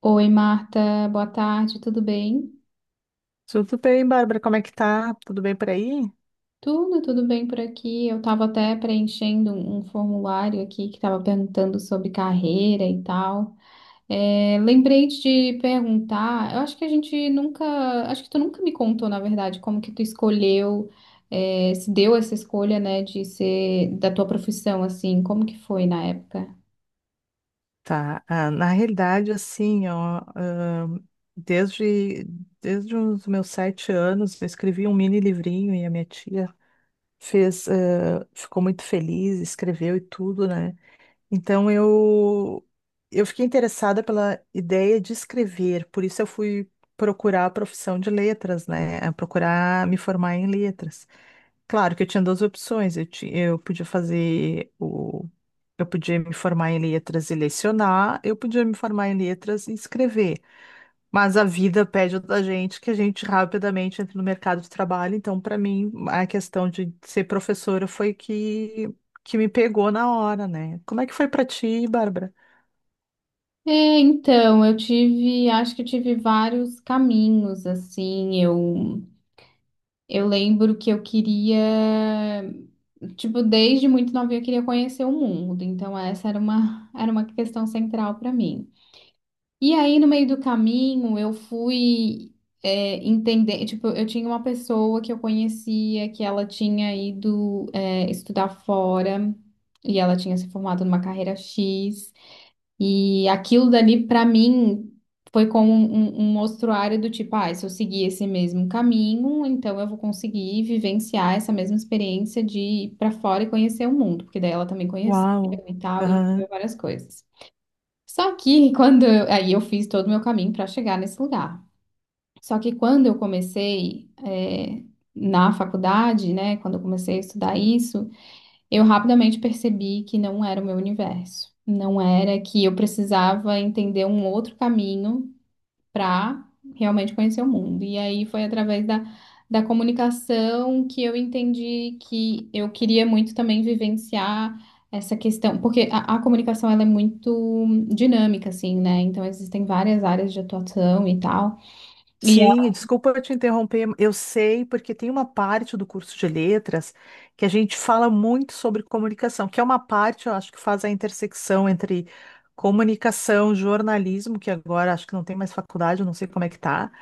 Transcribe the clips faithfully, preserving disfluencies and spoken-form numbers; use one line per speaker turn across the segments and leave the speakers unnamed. Oi, Marta, boa tarde, tudo bem?
Tudo bem, Bárbara? Como é que tá? Tudo bem por aí?
Tudo, tudo bem por aqui. Eu estava até preenchendo um um formulário aqui que estava perguntando sobre carreira e tal. É, lembrei de te perguntar, eu acho que a gente nunca, acho que tu nunca me contou, na verdade, como que tu escolheu, é, se deu essa escolha, né, de ser da tua profissão, assim, como que foi na época?
Tá. Ah, na realidade, assim, ó, ahn, desde, desde os meus sete anos, eu escrevi um mini livrinho e a minha tia fez, eh, ficou muito feliz, escreveu e tudo, né? Então eu, eu fiquei interessada pela ideia de escrever, por isso eu fui procurar a profissão de letras, né? a Procurar me formar em letras. Claro que eu tinha duas opções, eu, ti- eu podia fazer o Eu podia me formar em letras e lecionar, eu podia me formar em letras e escrever. Mas a vida pede da gente que a gente rapidamente entre no mercado de trabalho. Então, para mim, a questão de ser professora foi que, que me pegou na hora, né? Como é que foi para ti, Bárbara?
É, então, eu tive, acho que eu tive vários caminhos, assim, eu. Eu lembro que eu queria, tipo, desde muito novinha eu queria conhecer o mundo, então essa era uma, era uma questão central para mim. E aí, no meio do caminho, eu fui, é, entender, tipo, eu tinha uma pessoa que eu conhecia que ela tinha ido, é, estudar fora e ela tinha se formado numa carreira X. E aquilo dali, para mim, foi como um, um um mostruário do tipo, ah, se eu seguir esse mesmo caminho, então eu vou conseguir vivenciar essa mesma experiência de ir para fora e conhecer o mundo, porque daí ela também conheceu
Uau!
e tal, e viveu
Aham.
várias coisas. Só que quando eu, aí eu fiz todo o meu caminho para chegar nesse lugar. Só que quando eu comecei, eh, na faculdade, né, quando eu comecei a estudar isso, eu rapidamente percebi que não era o meu universo. Não era que eu precisava entender um outro caminho para realmente conhecer o mundo. E aí foi através da, da comunicação que eu entendi que eu queria muito também vivenciar essa questão, porque a, a comunicação ela é muito dinâmica, assim, né? Então existem várias áreas de atuação e tal. E
Sim, desculpa eu te interromper. Eu sei, porque tem uma parte do curso de letras que a gente fala muito sobre comunicação, que é uma parte, eu acho, que faz a intersecção entre comunicação, jornalismo, que agora acho que não tem mais faculdade, eu não sei como é que tá,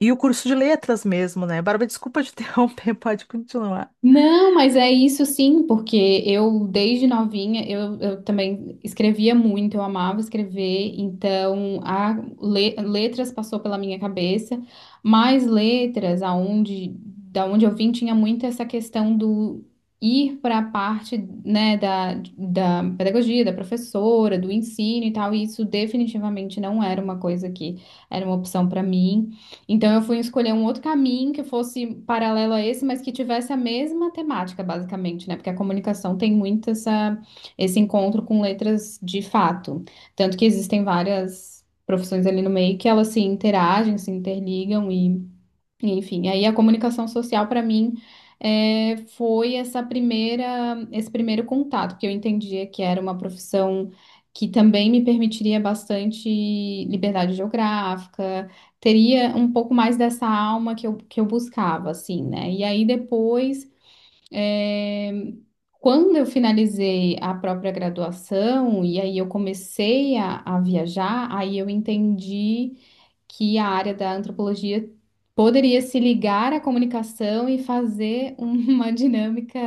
e o curso de letras mesmo, né? Bárbara, desculpa te interromper, pode continuar.
não, mas é isso sim, porque eu, desde novinha, eu, eu também escrevia muito, eu amava escrever, então a le- letras passou pela minha cabeça, mas letras, aonde, da onde eu vim, tinha muito essa questão do ir para a parte, né, da, da pedagogia, da professora, do ensino e tal, e isso definitivamente não era uma coisa que era uma opção para mim. Então eu fui escolher um outro caminho que fosse paralelo a esse, mas que tivesse a mesma temática, basicamente, né? Porque a comunicação tem muito essa, esse encontro com letras de fato. Tanto que existem várias profissões ali no meio que elas se interagem, se interligam enfim, aí a comunicação social para mim é, foi essa primeira, esse primeiro contato, que eu entendia que era uma profissão que também me permitiria bastante liberdade geográfica, teria um pouco mais dessa alma que eu, que eu buscava, assim, né? E aí depois, é, quando eu finalizei a própria graduação, e aí eu comecei a, a viajar, aí eu entendi que a área da antropologia poderia se ligar à comunicação e fazer uma dinâmica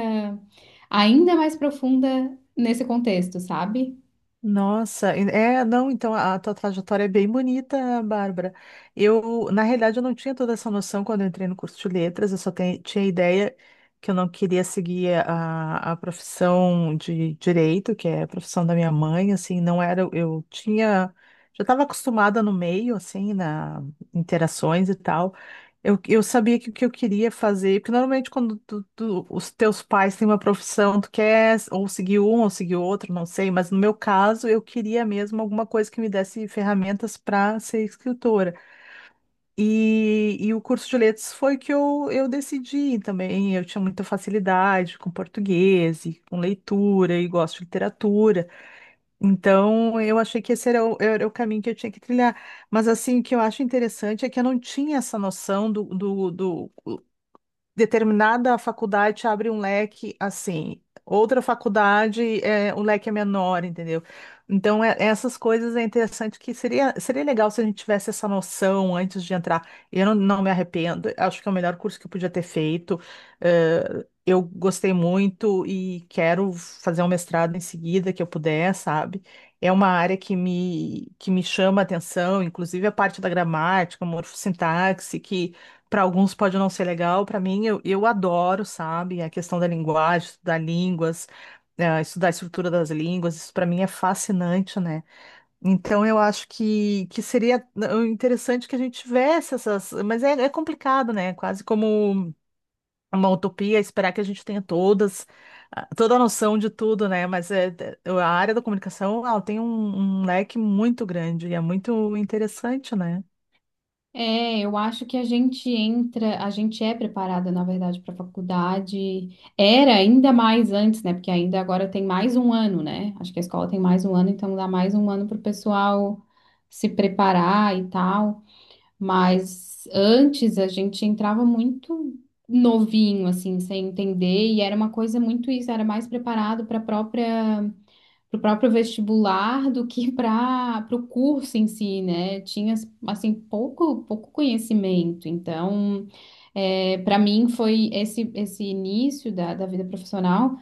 ainda mais profunda nesse contexto, sabe?
Nossa, e- é, não, então a tua trajetória é bem bonita, Bárbara. Eu, na realidade, eu não tinha toda essa noção quando eu entrei no curso de letras, eu só te- tinha ideia que eu não queria seguir a, a profissão de direito, que é a profissão da minha mãe, assim, não era, eu tinha, já estava acostumada no meio, assim, na interações e tal. Eu, eu sabia que o que eu queria fazer, porque normalmente quando tu- tu- os teus pais têm uma profissão, tu quer ou seguir um ou seguir outro, não sei, mas no meu caso eu queria mesmo alguma coisa que me desse ferramentas para ser escritora. E, e o curso de letras foi o que eu, eu decidi também. Eu tinha muita facilidade com português e com leitura e gosto de literatura. Então eu achei que esse era o, era o caminho que eu tinha que trilhar. Mas assim, o que eu acho interessante é que eu não tinha essa noção do, do, do determinada faculdade te abre um leque assim, outra faculdade é, o leque é menor, entendeu? Então, é- essas coisas é interessante que seria, seria legal se a gente tivesse essa noção antes de entrar. Eu não, não me arrependo, acho que é o melhor curso que eu podia ter feito. Eh, eu gostei muito e quero fazer um mestrado em seguida que eu puder, sabe? É uma área que me, que me chama a atenção, inclusive a parte da gramática, morfossintaxe, que para alguns pode não ser legal, para mim eu, eu adoro, sabe? A questão da linguagem, estudar línguas, eh, estudar a estrutura das línguas, isso para mim é fascinante, né? Então eu acho que, que seria eh, interessante que a gente tivesse essas, mas é, é complicado, né? Quase como uma utopia esperar que a gente tenha todas, ah, toda a noção de tudo, né? Mas é, é- a área da comunicação, ela tem um um leque muito grande e é muito interessante, né?
É, eu acho que a gente entra, a gente é preparada, na verdade, para a faculdade. Era ainda mais antes, né? Porque ainda agora tem mais um ano, né? Acho que a escola tem mais um ano, então dá mais um ano para o pessoal se preparar e tal. Mas antes a gente entrava muito novinho, assim, sem entender, e era uma coisa muito isso, era mais preparado para própria, para o próprio vestibular do que para o curso em si, né? Tinha, assim, pouco, pouco conhecimento. Então, é, para mim foi esse, esse início da, da vida profissional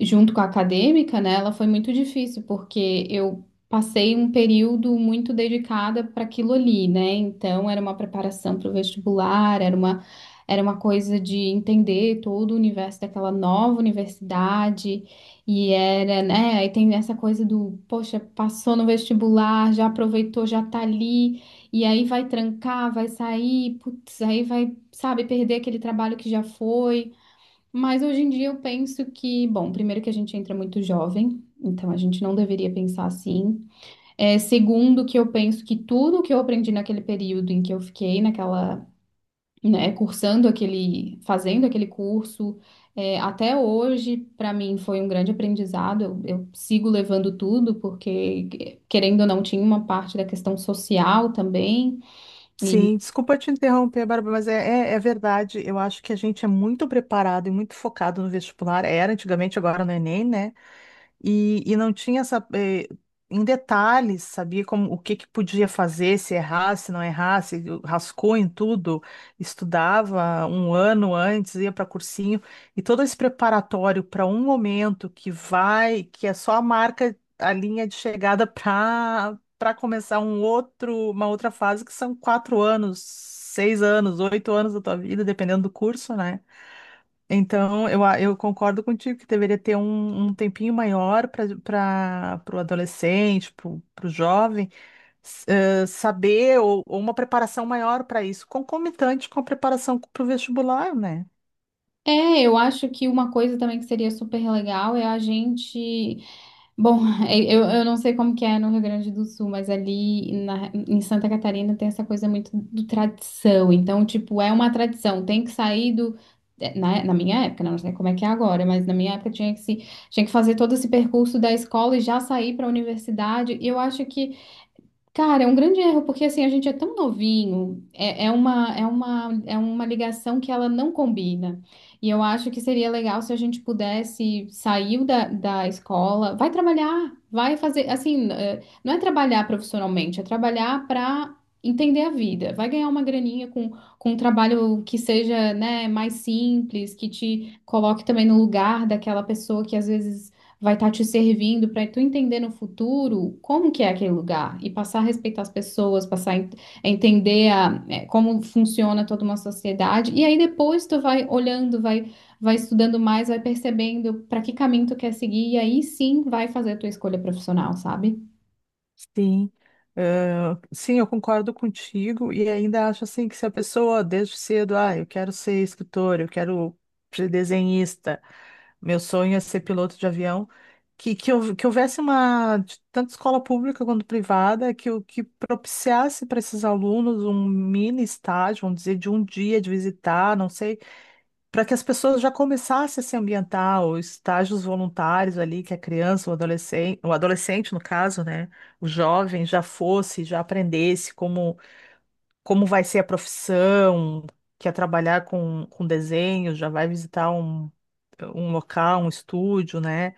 junto com a acadêmica, né, ela foi muito difícil, porque eu passei um período muito dedicada para aquilo ali, né? Então era uma preparação para o vestibular, era uma era uma coisa de entender todo o universo daquela nova universidade e era, né, aí tem essa coisa do, poxa, passou no vestibular, já aproveitou, já tá ali, e aí vai trancar, vai sair, putz, aí vai, sabe, perder aquele trabalho que já foi. Mas hoje em dia eu penso que, bom, primeiro que a gente entra muito jovem, então a gente não deveria pensar assim. É, segundo que eu penso que tudo que eu aprendi naquele período em que eu fiquei naquela, né, cursando aquele, fazendo aquele curso, é, até hoje, para mim foi um grande aprendizado. Eu, eu sigo levando tudo, porque querendo ou não, tinha uma parte da questão social também. E
Sim, desculpa te interromper, Bárbara, mas é, é, é verdade. Eu acho que a gente é muito preparado e muito focado no vestibular. Era antigamente, agora no Enem, né? e, e não tinha essa, eh, em detalhes, sabia como o que que podia fazer, se errasse, se não errasse, rascou em tudo, estudava um ano antes, ia para cursinho, e todo esse preparatório para um momento que vai, que é só a marca, a linha de chegada para para começar um outro, uma outra fase, que são quatro anos, seis anos, oito anos da tua vida, dependendo do curso, né? Então, eu, a- eu concordo contigo que deveria ter um, um tempinho maior para o adolescente, para o jovem, s- eh, saber ou, ou uma preparação maior para isso, concomitante com a preparação para o vestibular, né?
é, eu acho que uma coisa também que seria super legal é a gente bom, eh, eu, eu não sei como que é no Rio Grande do Sul, mas ali na- em Santa Catarina tem essa coisa muito do tradição. Então, tipo, é uma tradição. Tem que sair do. eh, Na, na minha época, né, não sei como é que é agora, mas na minha época tinha que se, tinha que fazer todo esse percurso da escola e já sair para a universidade. E eu acho que cara, é um grande erro, porque assim, a gente é tão novinho, é, é uma, é uma, é uma ligação que ela não combina. E eu acho que seria legal se a gente pudesse sair da, da escola, vai trabalhar, vai fazer, assim, eh, não é trabalhar profissionalmente, é trabalhar para entender a vida. Vai ganhar uma graninha com, com um trabalho que seja, né, mais simples, que te coloque também no lugar daquela pessoa que às vezes vai estar te servindo para tu entender no futuro como que é aquele lugar e passar a respeitar as pessoas, passar a en- a entender a- é, como funciona toda uma sociedade. E aí depois tu vai olhando, vai, vai estudando mais, vai percebendo para que caminho tu quer seguir e aí sim vai fazer a tua escolha profissional, sabe?
Sim, eh, sim, eu concordo contigo e ainda acho assim que se a pessoa desde cedo, ah, eu quero ser escritor, eu quero ser desenhista, meu sonho é ser piloto de avião, que, que, houve- que houvesse uma, de tanto escola pública quanto privada, que, o- que propiciasse para esses alunos um mini estágio, vamos dizer, de um dia de visitar, não sei para que as pessoas já começassem a se ambientar, os estágios voluntários ali, que a criança, o adolescente, o adolescente no caso, né, o jovem já fosse, já aprendesse como, como, vai ser a profissão, quer trabalhar com, com desenho, já vai visitar um, um local, um estúdio, né?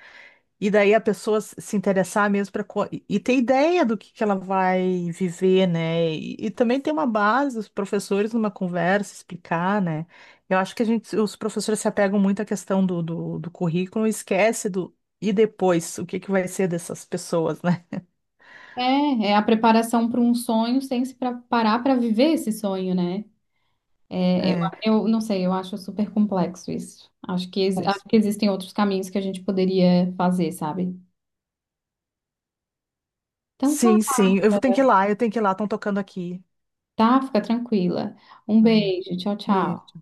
E daí a pessoa se se interessar mesmo para e ter ideia do que que ela vai viver, né? E, e também ter uma base, os professores numa conversa, explicar, né? Eu acho que a gente, os professores se apegam muito à questão do, do, do currículo e esquece do e depois, o que que vai ser dessas pessoas, né?
É, é a preparação para um sonho sem se preparar para viver esse sonho, né? É, eu,
É,
eu não sei, eu acho super complexo isso. Acho que, ex- acho que
com-
existem outros caminhos que a gente poderia fazer, sabe? Então tá,
sim, sim, eu vou ter que ir lá, eu tenho que ir lá, estão tocando aqui.
tá, fica tranquila. Um
Ah,
beijo, tchau, tchau.
beijo.